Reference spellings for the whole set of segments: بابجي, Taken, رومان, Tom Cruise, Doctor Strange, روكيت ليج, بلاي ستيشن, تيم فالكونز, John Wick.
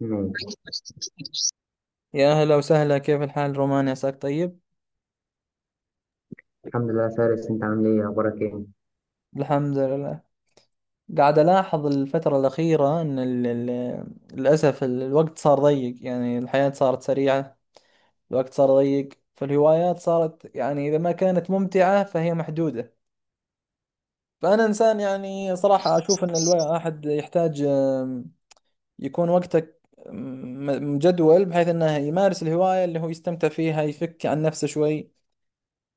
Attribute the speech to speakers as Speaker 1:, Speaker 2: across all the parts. Speaker 1: ماشي.
Speaker 2: يا أهلا وسهلا، كيف الحال رومان، عساك طيب؟
Speaker 1: الحمد لله يا فارس، انت عامل ايه؟ اخبارك ايه؟
Speaker 2: الحمد لله. قاعد ألاحظ الفترة الأخيرة أن للأسف الوقت صار ضيق، يعني الحياة صارت سريعة، الوقت صار ضيق، فالهوايات صارت يعني إذا ما كانت ممتعة فهي محدودة. فأنا إنسان يعني صراحة أشوف أن الواحد يحتاج، يكون وقتك مجدول بحيث أنه يمارس الهواية اللي هو يستمتع فيها، يفك عن نفسه شوي.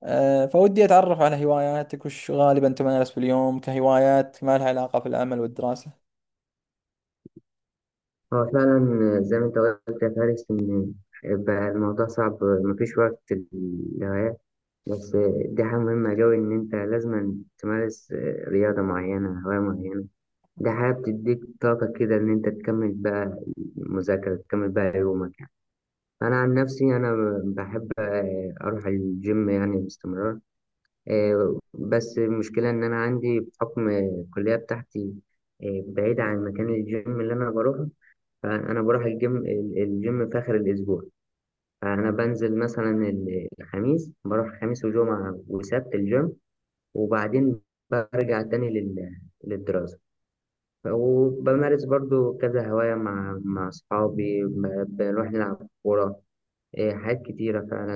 Speaker 2: فودي أتعرف على هواياتك، وش غالبا تمارس في اليوم كهوايات ما لها علاقة في العمل والدراسة؟
Speaker 1: هو فعلا زي ما انت قلت يا فارس ان بقى الموضوع صعب، مفيش وقت للهوايات. بس دي حاجة مهمة أوي إن أنت لازم تمارس رياضة معينة، هواية معينة. دي حاجة بتديك طاقة كده إن أنت تكمل بقى المذاكرة، تكمل بقى يومك يعني. أنا عن نفسي بحب أروح الجيم يعني باستمرار. بس المشكلة إن أنا عندي بحكم الكلية بتاعتي، بعيدة عن مكان الجيم اللي أنا بروحه. فأنا بروح الجيم الجيم في آخر الأسبوع. فأنا بنزل مثلا الخميس، بروح خميس وجمعة وسبت الجيم. وبعدين برجع تاني للدراسة. وبمارس برضو كذا هواية مع أصحابي، بنروح نلعب كورة. حاجات كتيرة فعلا،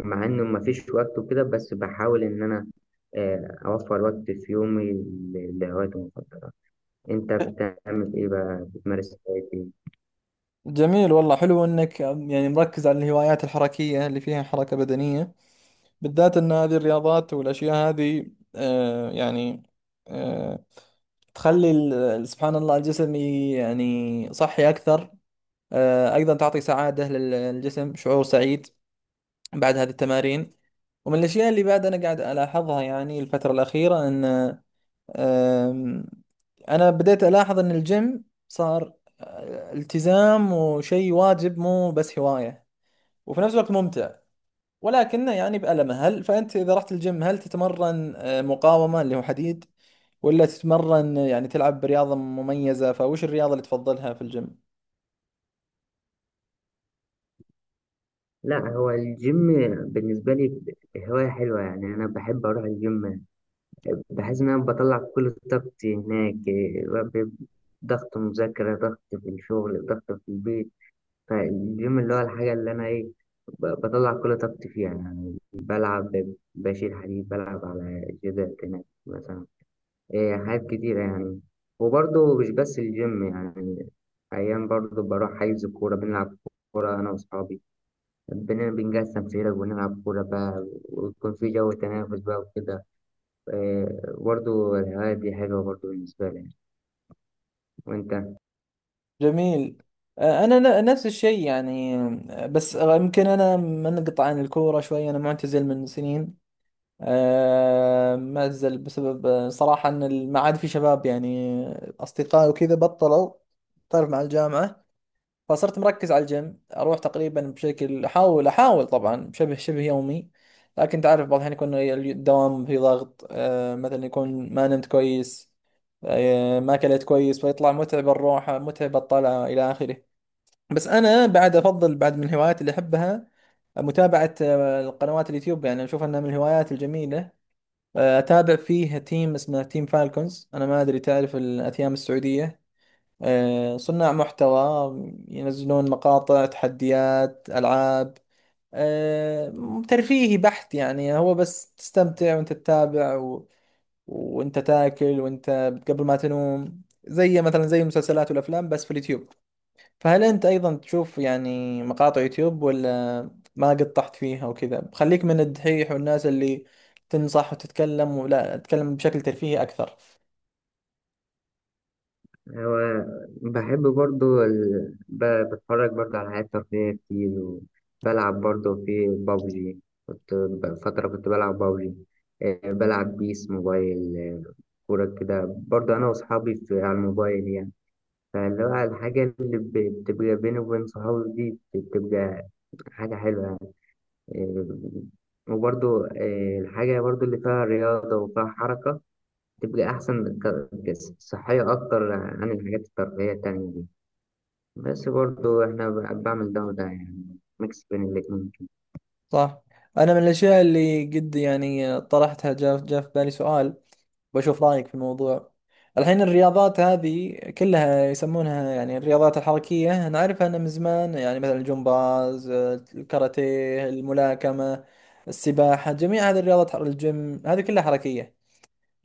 Speaker 1: مع إنه مفيش وقت وكده، بس بحاول إن أنا أوفر وقت في يومي لهوايتي المفضلة. أنت بتعمل إيه بقى؟ بتمارس هوايتي؟
Speaker 2: جميل والله، حلو إنك يعني مركز على الهوايات الحركية اللي فيها حركة بدنية، بالذات إن هذه الرياضات والأشياء هذه آه، يعني آه، تخلي سبحان الله الجسم يعني صحي أكثر. أيضا تعطي سعادة للجسم، شعور سعيد بعد هذه التمارين. ومن الأشياء اللي بعد أنا قاعد ألاحظها يعني الفترة الأخيرة، أن أم، أنا بديت ألاحظ إن الجيم صار التزام وشيء واجب، مو بس هواية، وفي نفس الوقت ممتع، ولكنه يعني بألمه. هل فأنت إذا رحت الجيم هل تتمرن مقاومة اللي هو حديد، ولا تتمرن يعني تلعب برياضة مميزة؟ فوش الرياضة اللي تفضلها في الجيم؟
Speaker 1: لا، هو الجيم بالنسبة لي هواية حلوة يعني. أنا بحب أروح الجيم، بحس إن أنا بطلع كل طاقتي هناك. ضغط مذاكرة، ضغط في الشغل، ضغط في البيت. فالجيم اللي هو الحاجة اللي أنا إيه، بطلع كل طاقتي فيها يعني. بلعب، بشيل حديد، بلعب على جدار هناك مثلا. إيه، حاجات كتيرة يعني. وبرضه مش بس الجيم يعني، أيام برضه بروح حيز كورة بنلعب كورة أنا وأصحابي. بنقسم فرق ونلعب كورة بقى، ويكون في جو تنافس بقى وكده. إيه، برضه الهواية دي حلوة برضه بالنسبة لي. وأنت؟
Speaker 2: جميل. أنا نفس الشيء يعني. أه، بس آه، يمكن أنا منقطع عن الكورة شوي، أنا معتزل من سنين. مأزل بسبب صراحة إن ما عاد في شباب، يعني أصدقائي وكذا بطلوا، تعرف مع الجامعة. فصرت مركز على الجيم، أروح تقريبا بشكل أحاول طبعا بشبه يومي. لكن تعرف بعض الأحيان يكون الدوام في ضغط، مثلا يكون ما نمت كويس، ما أكلت كويس، فيطلع متعب الروحة، متعب الطلعة، إلى آخره. بس أنا بعد أفضل بعد من الهوايات اللي أحبها متابعة القنوات اليوتيوب، يعني أشوف أنها من الهوايات الجميلة. اتابع فيه تيم اسمه تيم فالكونز، انا ما ادري تعرف الاثيام السعوديه؟ صناع محتوى، ينزلون مقاطع تحديات العاب، أه، ترفيهي بحت، يعني هو بس تستمتع وانت تتابع وانت تاكل، وانت قبل ما تنوم، زي مثلا زي المسلسلات والافلام بس في اليوتيوب. فهل أنت أيضا تشوف يعني مقاطع يوتيوب ولا ما قد طحت فيها وكذا؟ خليك من الدحيح والناس اللي تنصح وتتكلم، ولا تتكلم بشكل ترفيهي أكثر؟
Speaker 1: هو بحب برضو بتفرج برضو على حاجات ترفيهية كتير. وبلعب برضو في بابجي، كنت فترة كنت بلعب بابجي. بلعب بيس موبايل. كورة كده برضو أنا وأصحابي على الموبايل يعني. فاللي هو الحاجة اللي بتبقى بيني وبين صحابي دي، بتبقى حاجة حلوة يعني. وبرضو الحاجة برضو اللي فيها رياضة وفيها حركة تبقى أحسن، صحية أكتر عن الحاجات الترفيهية التانية دي. بس برضو احنا بعمل ده وده يعني، ميكس بين الاتنين كده.
Speaker 2: صح. أنا من الأشياء اللي قد يعني طرحتها، جاء في بالي سؤال، بشوف رأيك في الموضوع. الحين الرياضات هذه كلها يسمونها يعني الرياضات الحركية، نعرفها أنا من زمان، يعني مثلا الجمباز، الكاراتيه، الملاكمة، السباحة، جميع هذه الرياضات، الجيم، هذه كلها حركية.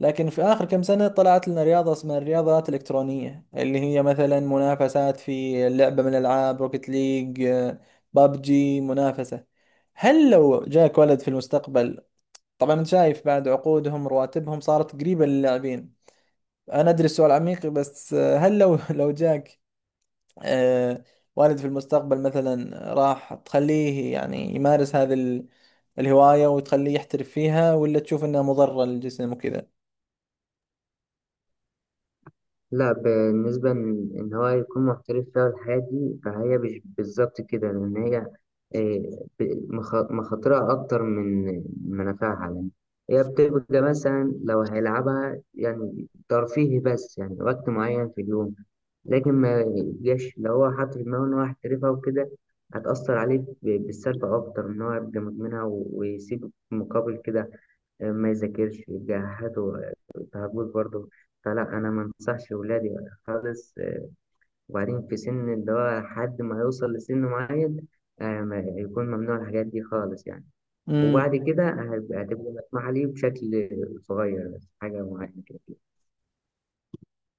Speaker 2: لكن في آخر كم سنة طلعت لنا رياضة اسمها الرياضات الإلكترونية، اللي هي مثلا منافسات في لعبة من الألعاب، روكيت ليج، بابجي، منافسة. هل لو جاك ولد في المستقبل، طبعا أنت شايف بعد عقودهم، رواتبهم صارت قريبة للاعبين، أنا أدري السؤال عميق، بس هل لو لو جاك آه، والد في المستقبل، مثلا راح تخليه يعني يمارس هذه الهواية وتخليه يحترف فيها، ولا تشوف أنها مضرة للجسم وكذا؟
Speaker 1: لا، بالنسبة ان إن هو يكون محترف فيها الحياة دي، فهي مش بالظبط كده، لان هي إيه، مخاطرها اكتر من منافعها يعني. هي بتبقى مثلا لو هيلعبها يعني ترفيهي بس، يعني وقت معين في اليوم. لكن ما يبقاش لو هو حاطط في دماغه ان هو هيحترفها وكده، هتأثر عليه بالسلب أكتر. إن هو يبقى مدمنها ويسيب مقابل كده، ما يذاكرش، يجهده، تهجس برضه. فلا، انا ما انصحش ولادي خالص. وبعدين في سن اللي هو حد ما يوصل لسن معين، يكون ممنوع الحاجات دي خالص يعني. وبعد كده هتبقى مسموحة ليه بشكل صغير، بس حاجة معينة كده.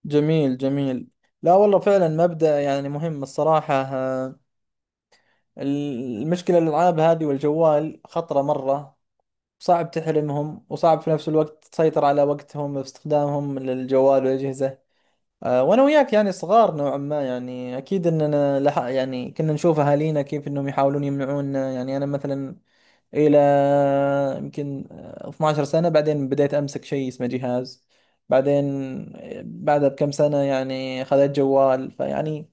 Speaker 2: جميل جميل. لا والله، فعلا مبدأ يعني مهم الصراحة. المشكلة الألعاب هذه والجوال خطرة مرة، صعب تحرمهم، وصعب في نفس الوقت تسيطر على وقتهم في استخدامهم للجوال والأجهزة. وأنا وياك يعني صغار نوعا ما، يعني أكيد أننا لح يعني كنا نشوف أهالينا كيف أنهم يحاولون يمنعونا، يعني أنا مثلا الى يمكن 12 سنة بعدين بديت امسك شيء اسمه جهاز، بعدين بعدها بكم سنة يعني خذيت جوال، فيعني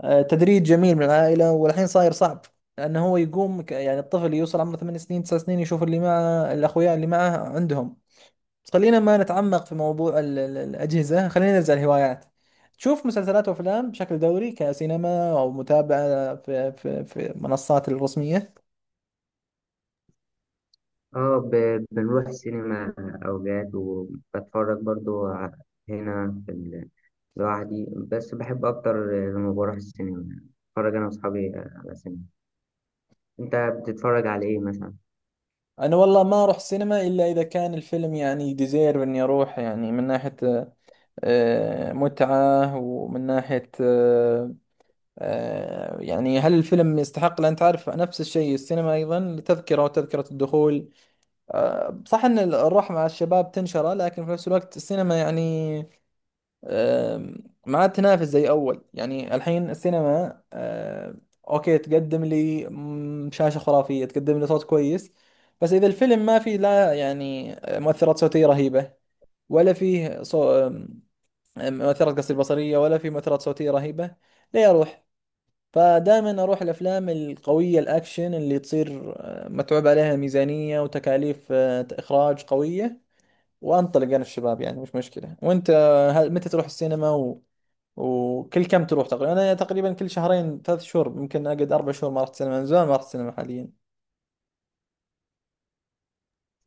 Speaker 2: تدريج جميل من العائلة. والحين صاير صعب، لانه هو يقوم يعني الطفل يوصل عمره 8 سنين، 9 سنين، يشوف اللي معه الاخويا اللي معه عندهم. بس خلينا ما نتعمق في موضوع الاجهزة، خلينا نرجع للهوايات. تشوف مسلسلات وافلام بشكل دوري كسينما او متابعة في منصات الرسمية؟
Speaker 1: اه، بنروح سينما أوقات، وبتفرج برضو هنا في ال- لوحدي، بس بحب أكتر لما بروح السينما بتفرج أنا وأصحابي على سينما. أنت بتتفرج على إيه مثلا؟
Speaker 2: انا والله ما اروح سينما الا اذا كان الفيلم يعني ديزيرف اني اروح، يعني من ناحية متعة، ومن ناحية يعني هل الفيلم يستحق. لان تعرف نفس الشيء السينما ايضا تذكرة، وتذكرة الدخول صح ان الروح مع الشباب تنشره، لكن في نفس الوقت السينما يعني آم، ما عاد تنافس زي اول. يعني الحين السينما اوكي تقدم لي شاشة خرافية، تقدم لي صوت كويس، بس اذا الفيلم ما في لا يعني مؤثرات صوتية رهيبة، ولا فيه صو... آم، مؤثرات قصدي بصرية، ولا فيه مؤثرات صوتية رهيبة، ليه اروح؟ فدائما اروح الافلام القوية، الاكشن اللي تصير متعوب عليها، ميزانية وتكاليف اخراج قوية، وانطلق انا الشباب يعني مش مشكلة. وانت متى تروح السينما؟ وكل كم تروح تقريبا؟ انا تقريبا كل شهرين، ثلاث شهور، يمكن اقعد اربع شهور ما رحت سينما، من زمان ما رحت سينما حاليا.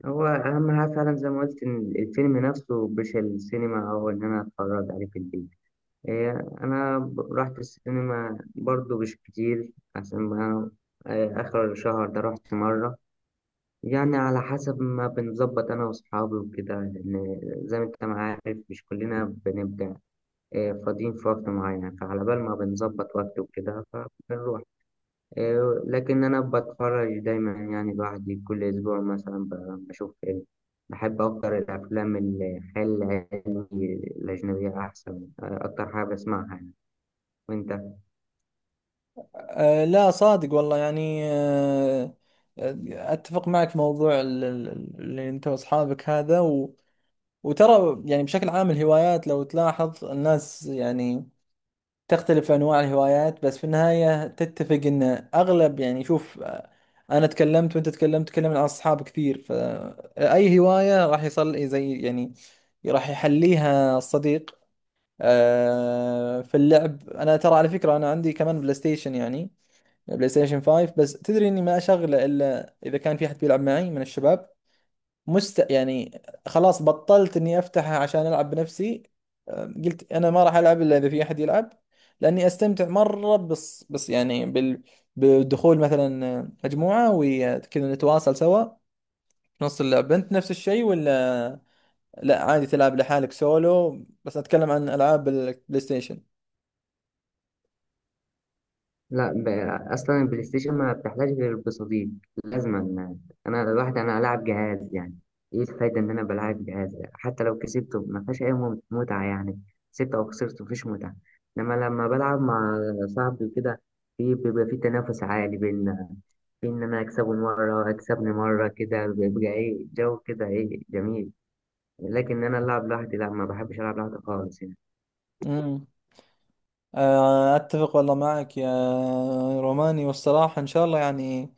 Speaker 1: هو أهم حاجة فعلا زي ما قلت إن الفيلم نفسه، مش السينما أو إن أنا أتفرج عليه في البيت. إيه، أنا رحت السينما برضو مش كتير، عشان ما إيه، آخر الشهر ده رحت مرة. يعني على حسب ما بنظبط أنا وأصحابي وكده، لأن زي ما أنت ما عارف، مش كلنا بنبقى إيه، فاضيين في وقت معين. فعلى بال ما بنظبط وقت وكده فبنروح. لكن أنا بتفرج دايما يعني، بعد كل أسبوع مثلا بشوف فيلم. بحب أكتر الأفلام الخيال العلمي، الأجنبية أحسن، أكتر حاجة بسمعها يعني. وأنت؟
Speaker 2: أه لا، صادق والله، يعني أه آه، اتفق معك في موضوع اللي انت واصحابك هذا وترى يعني بشكل عام الهوايات لو تلاحظ الناس يعني تختلف أنواع الهوايات، بس في النهاية تتفق إن أغلب، يعني شوف أنا تكلمت وأنت تكلمت، تكلمنا عن أصحاب كثير، فأي هواية راح يصل زي يعني راح يحليها الصديق. في اللعب، أنا ترى على فكرة أنا عندي كمان بلاي ستيشن، يعني بلاي ستيشن 5، بس تدري إني ما أشغله إلا إذا كان في أحد بيلعب معي من الشباب مست يعني. خلاص بطلت اني افتحها عشان العب بنفسي. قلت انا ما راح العب الا اذا في احد يلعب، لاني استمتع مره. بس يعني بدخول مثلا مجموعه وكذا نتواصل سوا في نص اللعبه. انت نفس الشيء، ولا لا عادي تلعب لحالك سولو؟ بس اتكلم عن العاب البلاي ستيشن.
Speaker 1: لا. أصلا البلاي ستيشن ما بتحتاج غير بصديق، لازما يعني. أنا الواحد ألعب جهاز يعني، إيه الفايدة إن أنا بلعب جهاز؟ حتى لو كسبته ما فيهاش أي متعة يعني، كسبت أو خسرت مفيش متعة. إنما لما بلعب مع صاحبي كده، في بيبقى في تنافس عالي بيننا، في إن أنا أكسبه مرة، أكسبني مرة، كده بيبقى إيه، جو كده، إيه، جميل. لكن أنا ألعب لوحدي لا، ما بحبش ألعب لوحدي خالص يعني.
Speaker 2: أتفق والله معك يا روماني، والصراحة إن شاء الله، يعني إن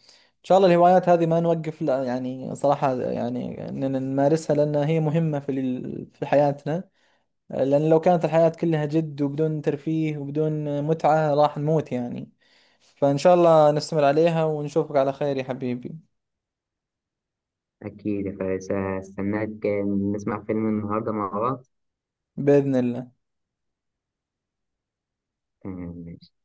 Speaker 2: شاء الله الهوايات هذه ما نوقف، لا يعني صراحة يعني إننا نمارسها لأنها هي مهمة في في حياتنا، لأن لو كانت الحياة كلها جد وبدون ترفيه وبدون متعة راح نموت يعني. فإن شاء الله نستمر عليها، ونشوفك على خير يا حبيبي.
Speaker 1: أكيد، فاستناك نسمع فيلم النهاردة مع
Speaker 2: بإذن الله.
Speaker 1: بعض.